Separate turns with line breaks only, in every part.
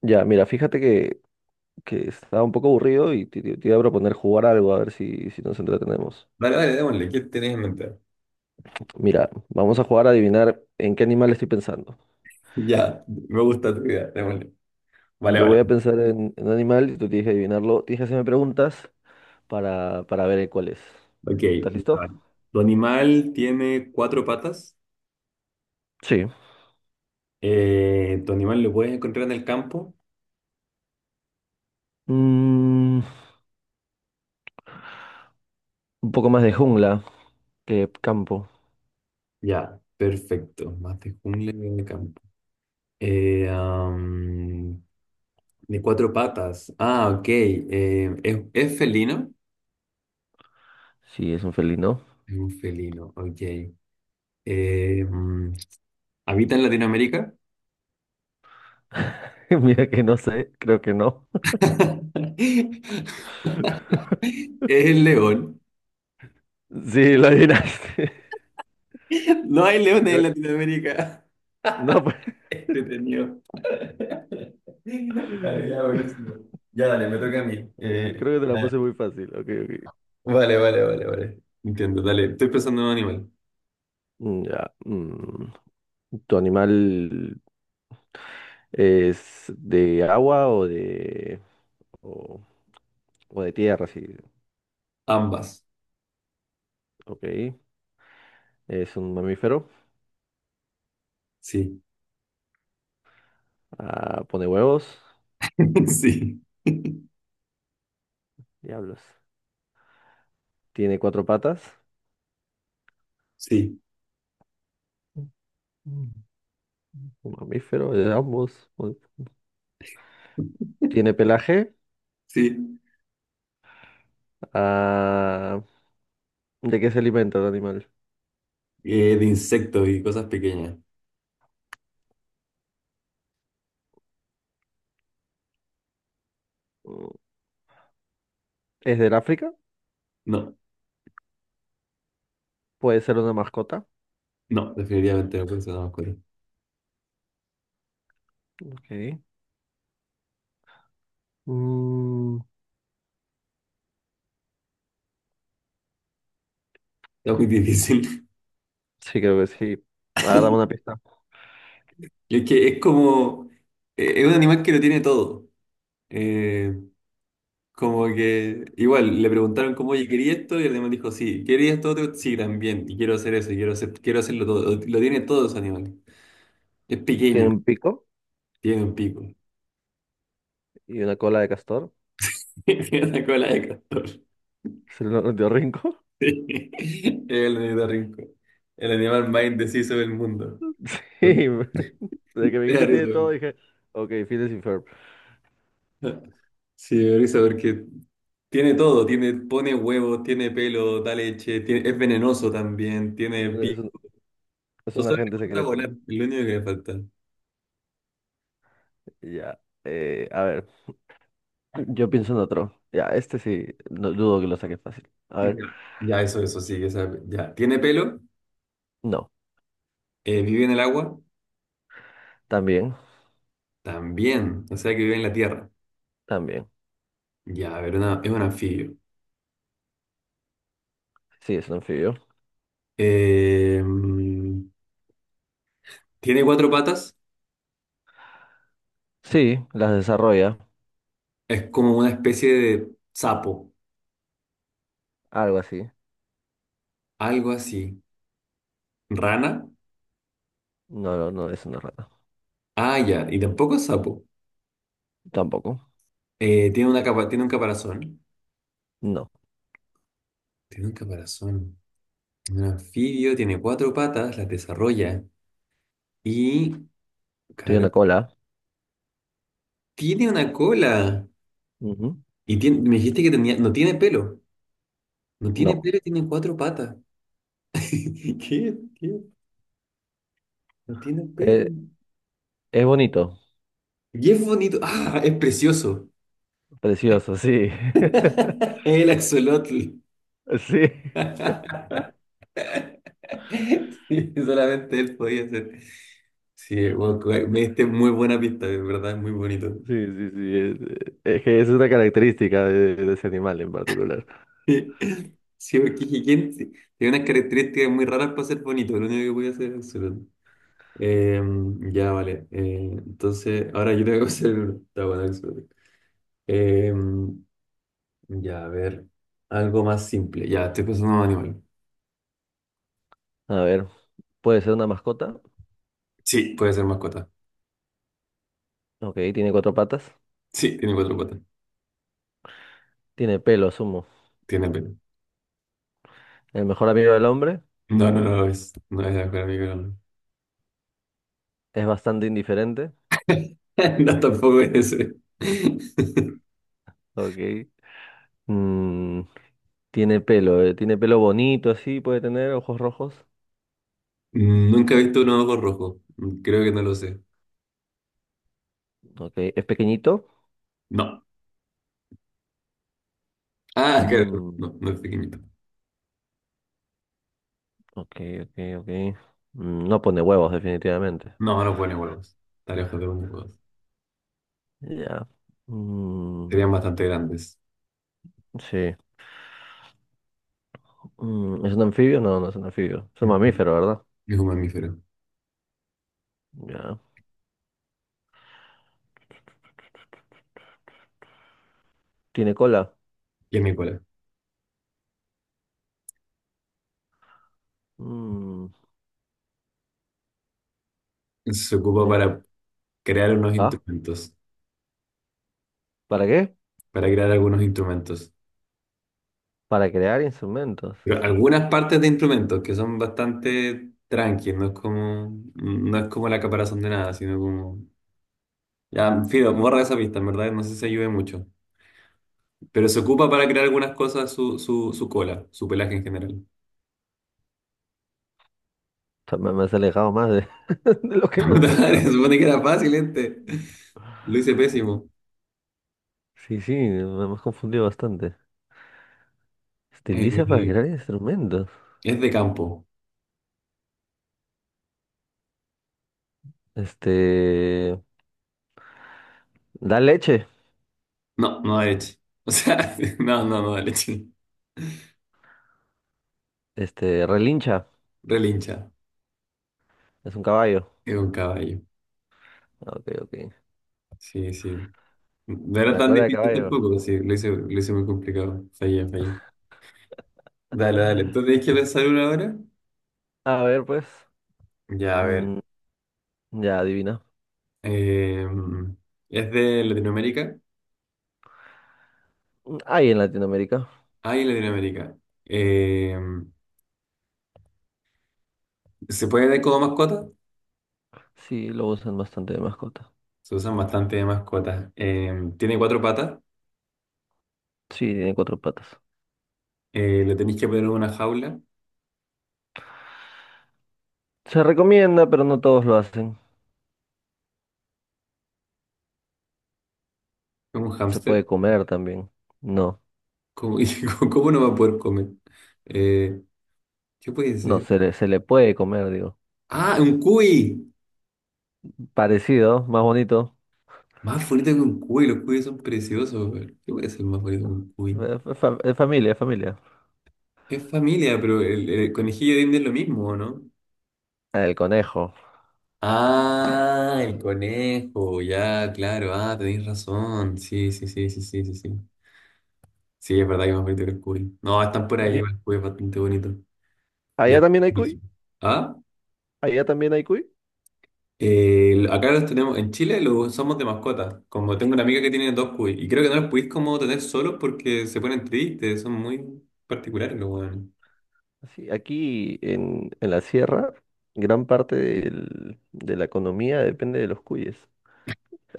Ya, mira, fíjate que estaba un poco aburrido y te iba a proponer jugar algo, a ver si nos entretenemos.
Dale, dale, démosle. ¿Qué tenés en mente?
Mira, vamos a jugar a adivinar en qué animal estoy pensando.
Ya, me gusta tu idea, démosle. Vale,
Yo
vale.
voy a pensar en un animal y tú tienes que adivinarlo. Tienes que hacerme preguntas para ver cuál es.
Ok.
¿Estás listo?
Vale. ¿Tu animal tiene cuatro patas?
Sí.
¿Tu animal lo puedes encontrar en el campo?
Mm, un poco más de jungla que campo.
Ya, perfecto. Más de jungla que de campo. Eh, am, de cuatro patas. Ah, ok. ¿Es felino?
Sí, es un felino.
Es un felino, ok. Eh, mm, ¿Habita en Latinoamérica?
Mira que no sé, creo que no.
Es el león.
Sí, lo adivinaste.
No hay leones en
Creo-
Latinoamérica.
No, pues,
Entretenido. Dale, ya, buenísimo. Ya, dale, me toca a mí.
creo que te la
Ya.
puse muy fácil. Ok, ok.
Vale, vale, vale, vale. Entiendo, dale. Estoy pensando en un animal.
Ya. Mm. ¿Tu animal es de agua o de o, o de tierra? Sí.
Ambas.
Ok. Es un mamífero.
Sí.
Ah, pone huevos.
Sí.
Diablos. Tiene cuatro patas.
Sí.
Mm. Un mamífero de ambos. Tiene pelaje.
Sí.
Ah, ¿de qué se alimenta el animal?
De insectos y cosas pequeñas.
Mm, ¿Es del África?
No,
Puede ser una mascota.
no, definitivamente no puede ser una mascota.
Ok. Mm,
Está muy difícil.
sí, creo que sí. Ahora dame una pista.
Es que es como. Es un animal que lo tiene todo. Eh, Como que igual le preguntaron como, oye, ¿quería esto? Y el animal dijo, sí, ¿quería esto otro? Sí, también, y quiero hacer eso, y quiero hacerlo todo. Lo tiene todos los animales. Es
¿Tiene
pequeño,
un pico?
tiene un pico,
Y una cola de castor.
tiene una cola de castor.
Se lo dio Rinco.
Sí, el ornitorrinco, el animal más indeciso del mundo.
Sí, de que me
Me da
guita tiene
risa.
todo, dije, ok, Phineas y Ferb.
Sí, me da risa porque tiene todo, tiene, pone huevos, tiene pelo, da leche, es venenoso también, tiene
Es un,
pico.
es
No
un
sabe, le
agente
falta
secreto.
volar, es lo único que le falta.
Ya, a ver, yo pienso en otro. Ya, este sí, no dudo que lo saque fácil. A
Ya,
ver,
ya, eso, sí, o ya. Tiene pelo,
no,
vive en el agua,
también,
también, o sea que vive en la tierra.
también.
Ya, a ver, es un anfibio.
Sí, es un anfibio.
Eh, mm, tiene cuatro patas,
Sí, las desarrolla,
es como una especie de sapo,
algo así.
algo así. Rana,
No, no, no, es una rata.
ah, ya, y tampoco es sapo.
Tampoco.
Tiene una capa,
No,
tiene un caparazón. Un anfibio, tiene cuatro patas, las desarrolla y,
tiene
claro,
una cola.
tiene una cola.
Ujú.
Y me dijiste que tenía, no tiene pelo. No tiene
No.
pera, tiene cuatro patas. ¿Qué? ¿Qué? No tiene pera.
Eh, es bonito,
Y es bonito. Ah, es precioso.
precioso, sí.
El axolotl.
Sí.
Sí, solamente él podía hacer. Sí, bueno, me diste muy buena pista, de verdad, es muy bonito.
Sí, sí, sí. Es que es una característica de ese animal en particular.
Sí, sí, porque dije, ¿tiene unas características muy raras para ser bonito? Lo único que podía hacer es axolotl. Eh, ya, vale. Entonces, ahora yo tengo que hacer uno. Está bueno, axolotl. Eh, Ya, a ver. Algo más simple. Ya, estoy pensando en un animal.
A ver, puede ser una mascota.
Sí, puede ser mascota.
Ok, tiene cuatro patas.
Sí, tiene cuatro patas.
Tiene pelo, asumo.
Tiene pelo.
El mejor amigo del hombre.
No lo es. No es la mejor amiga. No,
Es bastante indiferente.
no, tampoco es ese.
Ok. Mm, tiene pelo. Tiene pelo bonito, así. Puede tener ojos rojos.
Nunca he visto un ojo rojo. Creo que no lo sé.
Ok. Es pequeñito.
No. Ah, claro.
Mm,
No, no es pequeñito.
ok, ok, ok. No pone huevos, definitivamente.
No, no pone huevos. Está lejos de unos huevos.
Ya. Mm,
Serían bastante grandes.
sí. ¿Es un anfibio? No, no es un anfibio. Es un
Mm,
mamífero, ¿verdad?
Es un mamífero.
Ya. ¿Tiene cola?
Y es mi cola.
Mm,
Se ocupa
me-
para crear unos
Ah,
instrumentos.
¿para qué?
Para crear algunos instrumentos.
Para crear instrumentos.
Pero algunas partes de instrumentos que son bastante tranqui no es como, no es como la caparazón de nada, sino como... Ya, Fido, borra esa pista, en verdad, no sé si ayude mucho. Pero se ocupa para crear algunas cosas su cola, su pelaje en general.
O sea, me has alejado más de, de lo que me has
Puta madre,
acercado.
se supone que era fácil este. Lo hice pésimo.
Sí, sí, me has confundido bastante. Estiliza para
Eh,
crear instrumentos.
es de campo.
Este. Da leche.
No, no da leche. O sea, no, no, no da leche.
Este, relincha.
Relincha.
Es un caballo.
Es un caballo.
Ah, ok, ok.
Sí, sí. No era
La
tan
cola de
difícil
caballo.
tampoco, pues sí, lo hice muy complicado. Fallé, fallé. Dale, dale. Entonces tenéis que pensar una ahora.
A ver, pues.
Ya, a ver.
Mm, ya, adivina.
Eh, ¿Es de Latinoamérica?
Mm, hay en Latinoamérica.
Ay, Latinoamérica. Eh, ¿Se puede ver como mascota?
Sí, lo usan bastante de mascota.
Se usan bastante de mascotas. Tiene cuatro patas.
Sí, tiene cuatro patas.
Le tenéis que poner en una jaula.
Se recomienda, pero no todos lo hacen.
Es un
Se puede
hámster.
comer también. No,
¿Cómo, y cómo no va a poder comer? Eh, ¿Qué puede
no,
ser?
se le puede comer, digo.
Ah, un cuy.
Parecido, más bonito.
Más bonito que un cuy, los cuyes son preciosos. Weón. ¿Qué puede ser más bonito que un cuy?
Familia.
Es familia, pero el conejillo de India es lo mismo, ¿o no?
El conejo.
Ah, el conejo, ya, claro, ah, tenéis razón. Sí, sí, sí, sí, sí, sí, sí. Sí, es verdad que es más bonito que el cuy. No, están por ahí,
Ahí-
el cuy es bastante bonito.
Allá
Ya.
también hay cuy.
Ah,
Allá también hay cuy.
acá los tenemos, en Chile los somos de mascota. Como tengo una amiga que tiene dos cuy, y creo que no los podéis como tener solos porque se ponen tristes, son muy particulares los weones.
Sí, aquí en la sierra, gran parte de la economía depende de los cuyes.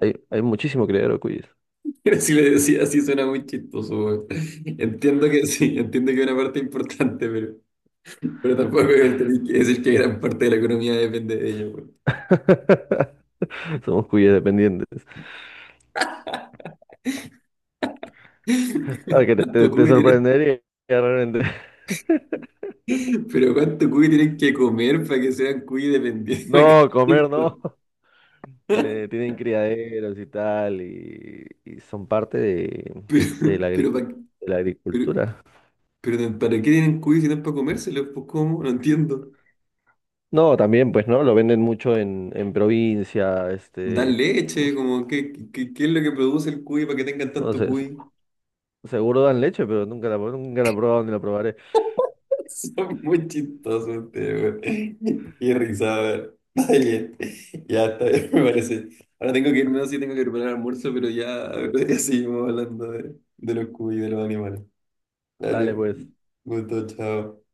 Hay muchísimo criadero de cuyes.
Pero si le decía así suena muy chistoso, weón. Entiendo que sí, entiendo que es una parte importante, pero tampoco es- tenéis que decir que gran parte de la economía depende de ellos, weón.
Somos cuyes dependientes. Ah, que
¿Cuánto
te
cuy tienen,
sorprendería realmente.
pero cuánto cuy tienen que comer para que sean cuy dependientes? Para que
No,
sea
comer no.
importante.
Tienen criaderos y tal, y son parte de, de
Pero,
la
pero,
agricu-
pa-
de la
pero,
agricultura.
pero ¿para qué tienen cuy si no es para comérselos? Pues ¿cómo? No entiendo.
No, también, pues, ¿no? Lo venden mucho en provincia,
¿Dan
este, ¿cómo
leche?
se?
Como, ¿qué es lo que produce el cuy para que tengan
No
tanto
sé,
cuy?
seguro dan leche, pero nunca la he probado ni la probaré.
Son muy chistosos ustedes, güey. Qué risa, a ver. Está bien. Ya está bien, me parece. Ahora tengo que irme, no sé si tengo que preparar el almuerzo, pero ya, ya seguimos hablando de los cubos y de los animales.
Dale,
Dale,
pues.
gusto, chao.